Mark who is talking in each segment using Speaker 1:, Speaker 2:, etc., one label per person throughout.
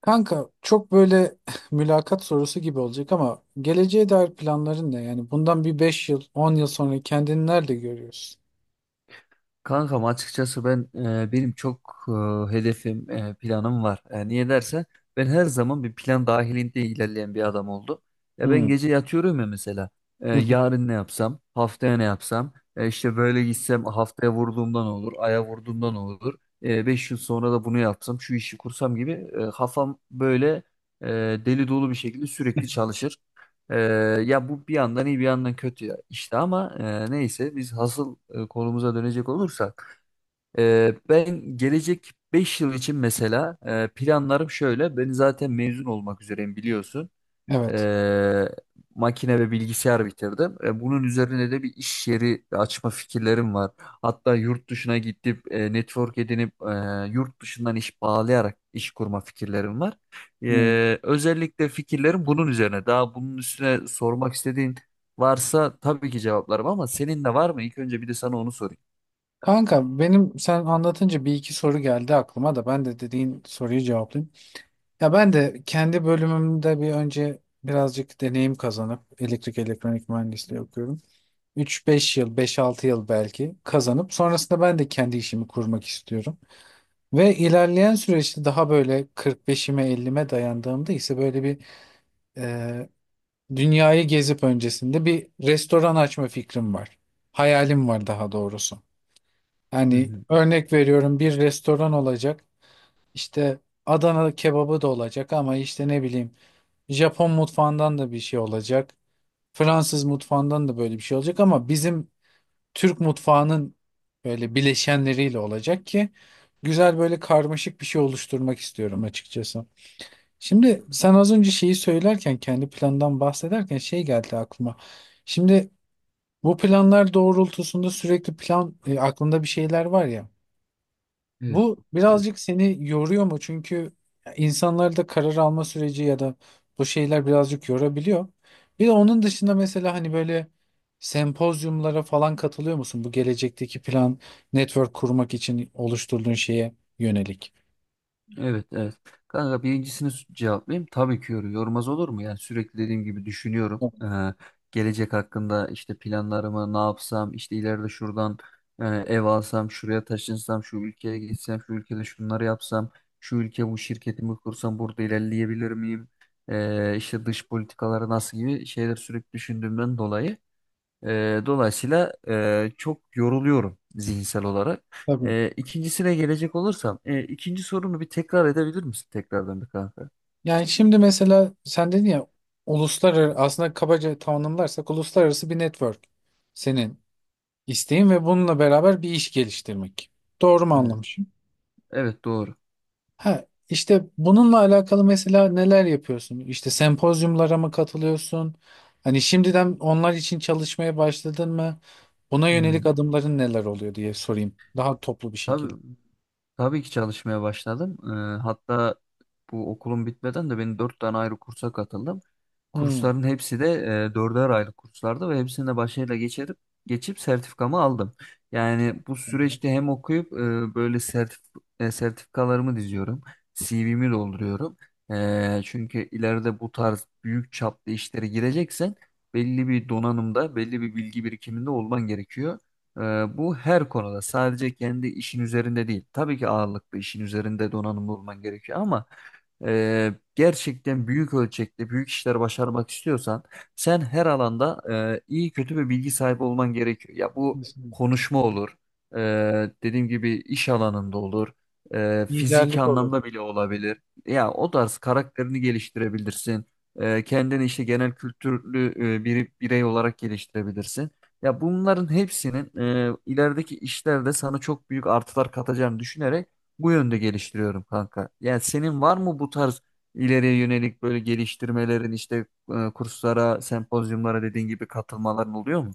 Speaker 1: Kanka çok böyle mülakat sorusu gibi olacak ama geleceğe dair planların ne? Yani bundan bir 5 yıl, 10 yıl sonra kendini nerede görüyorsun?
Speaker 2: Kankam açıkçası benim çok hedefim, planım var. Niye dersen ben her zaman bir plan dahilinde ilerleyen bir adam oldum. Ya ben
Speaker 1: Hmm.
Speaker 2: gece yatıyorum ya mesela.
Speaker 1: Hı hı.
Speaker 2: Yarın ne yapsam, haftaya ne yapsam, işte böyle gitsem haftaya vurduğumdan olur, aya vurduğumdan olur. 5 yıl sonra da bunu yapsam, şu işi kursam gibi kafam böyle e, deli dolu bir şekilde sürekli çalışır. Ee, Ya bu bir yandan iyi bir yandan kötü ya işte ama neyse biz hasıl konumuza dönecek olursak ben gelecek 5 yıl için mesela planlarım şöyle, ben zaten mezun olmak üzereyim biliyorsun.
Speaker 1: Evet.
Speaker 2: E, Makine ve bilgisayar bitirdim. Bunun üzerine de bir iş yeri açma fikirlerim var. Hatta yurt dışına gidip network edinip yurt dışından iş bağlayarak iş kurma fikirlerim var.
Speaker 1: Hmm.
Speaker 2: Özellikle fikirlerim bunun üzerine. Daha bunun üstüne sormak istediğin varsa tabii ki cevaplarım ama senin de var mı? İlk önce bir de sana onu sorayım.
Speaker 1: Kanka benim sen anlatınca bir iki soru geldi aklıma da ben de dediğin soruyu cevaplayayım. Ya ben de kendi bölümümde bir önce birazcık deneyim kazanıp elektrik elektronik mühendisliği okuyorum. Üç beş yıl, beş altı yıl belki kazanıp sonrasında ben de kendi işimi kurmak istiyorum. Ve ilerleyen süreçte daha böyle 45'ime 50'me dayandığımda ise böyle bir e, dünyayı gezip öncesinde bir restoran açma fikrim var. Hayalim var daha doğrusu.
Speaker 2: Hı
Speaker 1: Yani
Speaker 2: hı.
Speaker 1: örnek veriyorum bir restoran olacak. İşte Adana kebabı da olacak ama işte ne bileyim Japon mutfağından da bir şey olacak. Fransız mutfağından da böyle bir şey olacak ama bizim Türk mutfağının böyle bileşenleriyle olacak ki güzel böyle karmaşık bir şey oluşturmak istiyorum açıkçası. Şimdi sen az önce şeyi söylerken kendi plandan bahsederken şey geldi aklıma. Şimdi bu planlar doğrultusunda sürekli plan aklında bir şeyler var ya.
Speaker 2: Evet.
Speaker 1: Bu birazcık seni yoruyor mu? Çünkü insanlar da karar alma süreci ya da bu şeyler birazcık yorabiliyor. Bir de onun dışında mesela hani böyle sempozyumlara falan katılıyor musun? Bu gelecekteki plan, network kurmak için oluşturduğun şeye yönelik.
Speaker 2: Evet, evet. Kanka birincisini cevaplayayım. Tabii ki yormaz olur mu? Yani sürekli dediğim gibi düşünüyorum.
Speaker 1: Evet.
Speaker 2: Gelecek hakkında işte planlarımı ne yapsam, işte ileride şuradan ev alsam, şuraya taşınsam, şu ülkeye gitsem, şu ülkede şunları yapsam, şu ülke bu şirketimi kursam burada ilerleyebilir miyim? İşte dış politikaları nasıl gibi şeyler sürekli düşündüğümden dolayı dolayısıyla çok yoruluyorum zihinsel olarak.
Speaker 1: Tabii.
Speaker 2: İkincisine gelecek olursam, ikinci sorunu bir tekrar edebilir misin tekrardan bir kanka?
Speaker 1: Yani şimdi mesela sen dedin ya, uluslararası aslında kabaca tanımlarsak uluslararası bir network senin isteğin ve bununla beraber bir iş geliştirmek. Doğru mu
Speaker 2: Evet.
Speaker 1: anlamışım?
Speaker 2: Evet, doğru.
Speaker 1: Ha, işte bununla alakalı mesela neler yapıyorsun? İşte sempozyumlara mı katılıyorsun? Hani şimdiden onlar için çalışmaya başladın mı? Buna yönelik
Speaker 2: Hmm.
Speaker 1: adımların neler oluyor diye sorayım. Daha toplu bir şekilde.
Speaker 2: Tabii, tabii ki çalışmaya başladım. Hatta bu okulum bitmeden de ben 4 tane ayrı kursa katıldım.
Speaker 1: Hmm.
Speaker 2: Kursların hepsi de dörder aylık kurslardı ve hepsini de başarıyla geçip sertifikamı aldım. Yani bu süreçte hem okuyup böyle sertifikalarımı diziyorum, CV'mi dolduruyorum. Çünkü ileride bu tarz büyük çaplı işlere gireceksen belli bir donanımda, belli bir bilgi birikiminde olman gerekiyor. Ee, Bu her konuda, sadece kendi işin üzerinde değil. Tabii ki ağırlıklı işin üzerinde donanımlı olman gerekiyor ama gerçekten büyük ölçekte büyük işler başarmak istiyorsan sen her alanda iyi kötü bir bilgi sahibi olman gerekiyor. Ya bu
Speaker 1: Kesinlikle.
Speaker 2: konuşma olur, e, dediğim gibi iş alanında olur, fiziki
Speaker 1: Liderlik olur.
Speaker 2: anlamda bile olabilir. Ya o tarz karakterini geliştirebilirsin. Kendini işte genel kültürlü bir birey olarak geliştirebilirsin. Ya bunların hepsinin ilerideki işlerde sana çok büyük artılar katacağını düşünerek bu yönde geliştiriyorum kanka. Yani senin var mı bu tarz ileriye yönelik böyle geliştirmelerin, işte kurslara, sempozyumlara dediğin gibi katılmaların oluyor mu?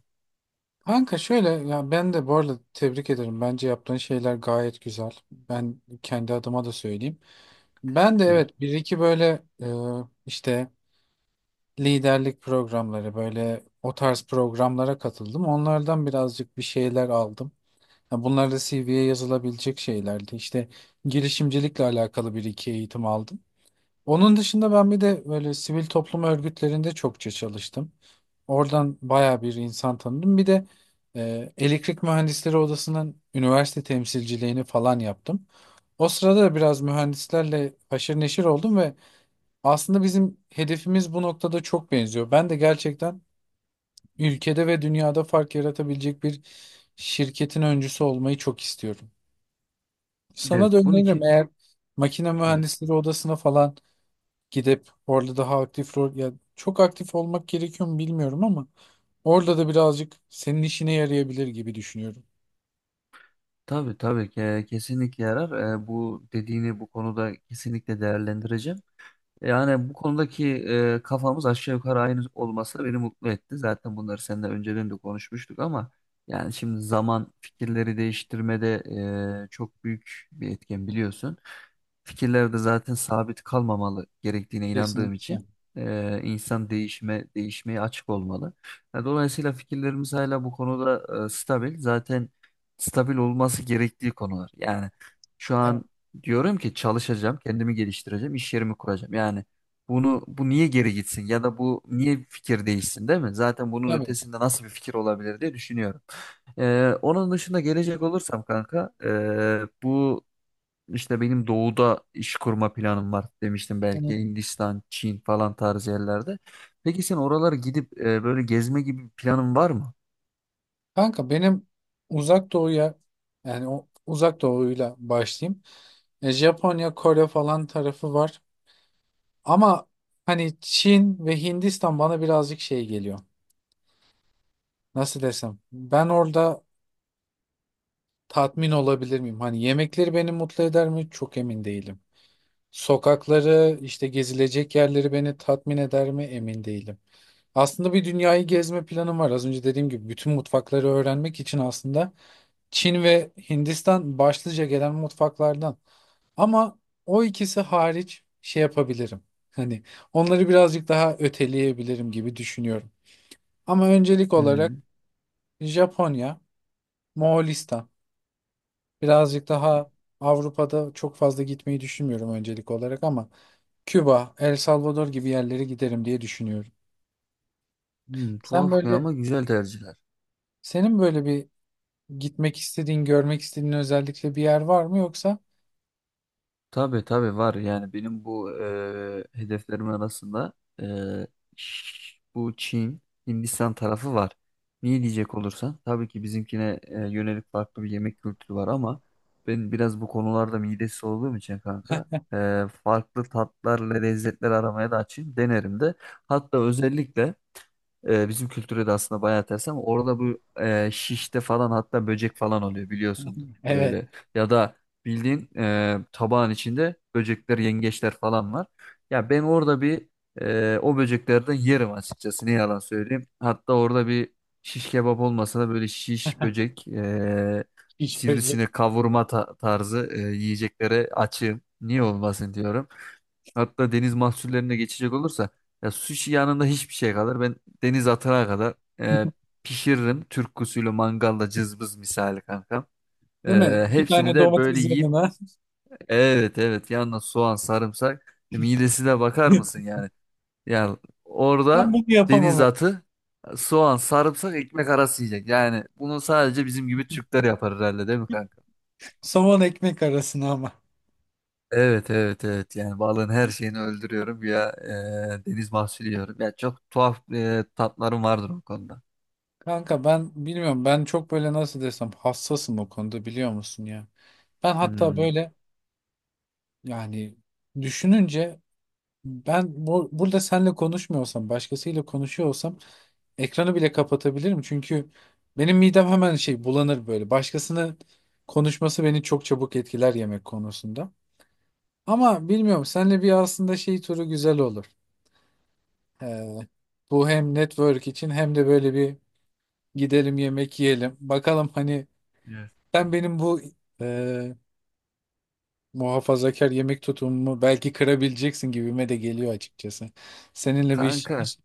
Speaker 1: Kanka şöyle, ya ben de bu arada tebrik ederim. Bence yaptığın şeyler gayet güzel. Ben kendi adıma da söyleyeyim. Ben de
Speaker 2: Teşekkürler.
Speaker 1: evet bir iki böyle işte liderlik programları, böyle o tarz programlara katıldım. Onlardan birazcık bir şeyler aldım. Ha, bunlar da CV'ye yazılabilecek şeylerdi. İşte girişimcilikle alakalı bir iki eğitim aldım. Onun dışında ben bir de böyle sivil toplum örgütlerinde çokça çalıştım. Oradan baya bir insan tanıdım. Bir de elektrik mühendisleri odasının üniversite temsilciliğini falan yaptım. O sırada da biraz mühendislerle haşır neşir oldum ve aslında bizim hedefimiz bu noktada çok benziyor. Ben de gerçekten ülkede ve dünyada fark yaratabilecek bir şirketin öncüsü olmayı çok istiyorum. Sana
Speaker 2: Evet,
Speaker 1: da
Speaker 2: bunun
Speaker 1: öneririm,
Speaker 2: ki
Speaker 1: eğer makine
Speaker 2: evet
Speaker 1: mühendisleri odasına falan gidip orada daha aktif rol, ya çok aktif olmak gerekiyor mu bilmiyorum ama orada da birazcık senin işine yarayabilir gibi düşünüyorum.
Speaker 2: tabii, tabii ki kesinlikle yarar. Bu dediğini bu konuda kesinlikle değerlendireceğim. Yani bu konudaki kafamız aşağı yukarı aynı olması beni mutlu etti. Zaten bunları seninle önceden de konuşmuştuk ama yani şimdi zaman fikirleri değiştirmede çok büyük bir etken biliyorsun. Fikirler de zaten sabit kalmamalı gerektiğine inandığım için
Speaker 1: Kesinlikle.
Speaker 2: insan değişmeye açık olmalı. Yani dolayısıyla fikirlerimiz hala bu konuda stabil. Zaten stabil olması gerektiği konular. Yani şu
Speaker 1: Evet,
Speaker 2: an diyorum ki çalışacağım, kendimi geliştireceğim, iş yerimi kuracağım. Yani bunu, bu niye geri gitsin ya da bu niye fikir değişsin, değil mi? Zaten bunun
Speaker 1: tabii.
Speaker 2: ötesinde nasıl bir fikir olabilir diye düşünüyorum. Onun dışında gelecek olursam kanka, bu işte benim doğuda iş kurma planım var demiştim,
Speaker 1: Hı.
Speaker 2: belki Hindistan, Çin falan tarzı yerlerde. Peki sen oralara gidip böyle gezme gibi bir planın var mı?
Speaker 1: Kanka benim uzak doğuya, yani o uzak doğuyla başlayayım. E, Japonya, Kore falan tarafı var. Ama hani Çin ve Hindistan bana birazcık şey geliyor. Nasıl desem? Ben orada tatmin olabilir miyim? Hani yemekleri beni mutlu eder mi? Çok emin değilim. Sokakları, işte gezilecek yerleri beni tatmin eder mi? Emin değilim. Aslında bir dünyayı gezme planım var. Az önce dediğim gibi bütün mutfakları öğrenmek için aslında Çin ve Hindistan başlıca gelen mutfaklardan. Ama o ikisi hariç şey yapabilirim. Hani onları birazcık daha öteleyebilirim gibi düşünüyorum. Ama öncelik olarak
Speaker 2: Hmm.
Speaker 1: Japonya, Moğolistan. Birazcık daha Avrupa'da çok fazla gitmeyi düşünmüyorum öncelik olarak ama Küba, El Salvador gibi yerlere giderim diye düşünüyorum.
Speaker 2: Hmm,
Speaker 1: Sen
Speaker 2: tuhaf ya
Speaker 1: böyle,
Speaker 2: ama güzel tercihler.
Speaker 1: senin böyle bir gitmek istediğin, görmek istediğin özellikle bir yer var mı yoksa?
Speaker 2: Tabii tabii var, yani benim bu hedeflerim arasında eee, bu Çin, Hindistan tarafı var. Niye diyecek olursan tabii ki bizimkine yönelik farklı bir yemek kültürü var ama ben biraz bu konularda midesi olduğum için kanka farklı tatlarla lezzetler aramaya da açayım, denerim de. Hatta özellikle bizim kültüre de aslında bayağı ters ama orada bu şişte falan, hatta böcek falan oluyor, biliyorsundur
Speaker 1: Evet.
Speaker 2: böyle. Ya da bildiğin tabağın içinde böcekler, yengeçler falan var. Ya ben orada o böceklerden yerim açıkçası, ne yalan söyleyeyim. Hatta orada bir şiş kebap olmasa da böyle şiş böcek,
Speaker 1: Hiç böcek.
Speaker 2: sivrisine kavurma tarzı yiyeceklere açığım. Niye olmasın diyorum. Hatta deniz mahsullerine geçecek olursa ya, sushi yanında hiçbir şey kalır. Ben deniz atana kadar e, pişiririm. Türk usulü mangalda cızbız misali kankam.
Speaker 1: Değil mi? İki
Speaker 2: Hepsini
Speaker 1: tane
Speaker 2: de böyle
Speaker 1: domates
Speaker 2: yiyip,
Speaker 1: yanına.
Speaker 2: evet evet, yanına soğan sarımsak, midesine bakar mısın yani? Yani
Speaker 1: Ben
Speaker 2: orada
Speaker 1: bunu
Speaker 2: deniz
Speaker 1: yapamam.
Speaker 2: atı, soğan sarımsak ekmek arası yiyecek. Yani bunu sadece bizim gibi Türkler yapar herhalde, değil mi kanka?
Speaker 1: Somon ekmek arasına ama.
Speaker 2: Evet evet evet, yani balığın her şeyini öldürüyorum ya, deniz mahsulü yiyorum. Ya çok tuhaf tatlarım vardır o konuda.
Speaker 1: Kanka ben bilmiyorum, ben çok böyle nasıl desem hassasım o konuda biliyor musun ya. Ben hatta
Speaker 2: Hmm.
Speaker 1: böyle, yani düşününce, ben bu, burada seninle konuşmuyorsam başkasıyla konuşuyor olsam ekranı bile kapatabilirim. Çünkü benim midem hemen şey bulanır böyle. Başkasının konuşması beni çok çabuk etkiler yemek konusunda. Ama bilmiyorum, seninle bir aslında şey turu güzel olur. Ee, bu hem network için hem de böyle bir, gidelim yemek yiyelim. Bakalım hani
Speaker 2: Evet.
Speaker 1: sen benim bu e, muhafazakar yemek tutumumu belki kırabileceksin gibime de geliyor açıkçası. Seninle bir iş,
Speaker 2: Kanka
Speaker 1: iş-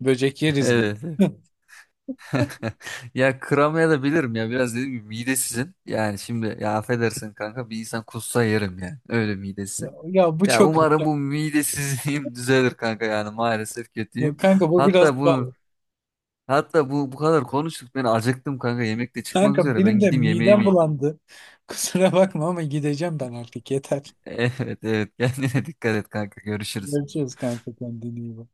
Speaker 1: böcek yeriz gibi.
Speaker 2: evet, evet. Ya kıramaya da bilirim ya, biraz dediğim gibi midesizim. Yani şimdi, ya affedersin kanka, bir insan kussa yerim, yani öyle
Speaker 1: Ya,
Speaker 2: midesizim.
Speaker 1: ya bu
Speaker 2: Ya
Speaker 1: çok...
Speaker 2: umarım bu midesizliğim düzelir kanka, yani maalesef
Speaker 1: Yok
Speaker 2: kötüyüm.
Speaker 1: kanka bu biraz
Speaker 2: Hatta bu
Speaker 1: pahalı.
Speaker 2: hatta bu kadar konuştuk, ben acıktım kanka, yemek de çıkmak
Speaker 1: Kanka
Speaker 2: üzere, ben
Speaker 1: benim de
Speaker 2: gideyim yemeğimi
Speaker 1: midem
Speaker 2: yiyeyim.
Speaker 1: bulandı. Kusura bakma ama gideceğim ben artık yeter.
Speaker 2: Evet, evet, kendine dikkat et kanka, görüşürüz.
Speaker 1: Görüşürüz kanka, kendine iyi bak.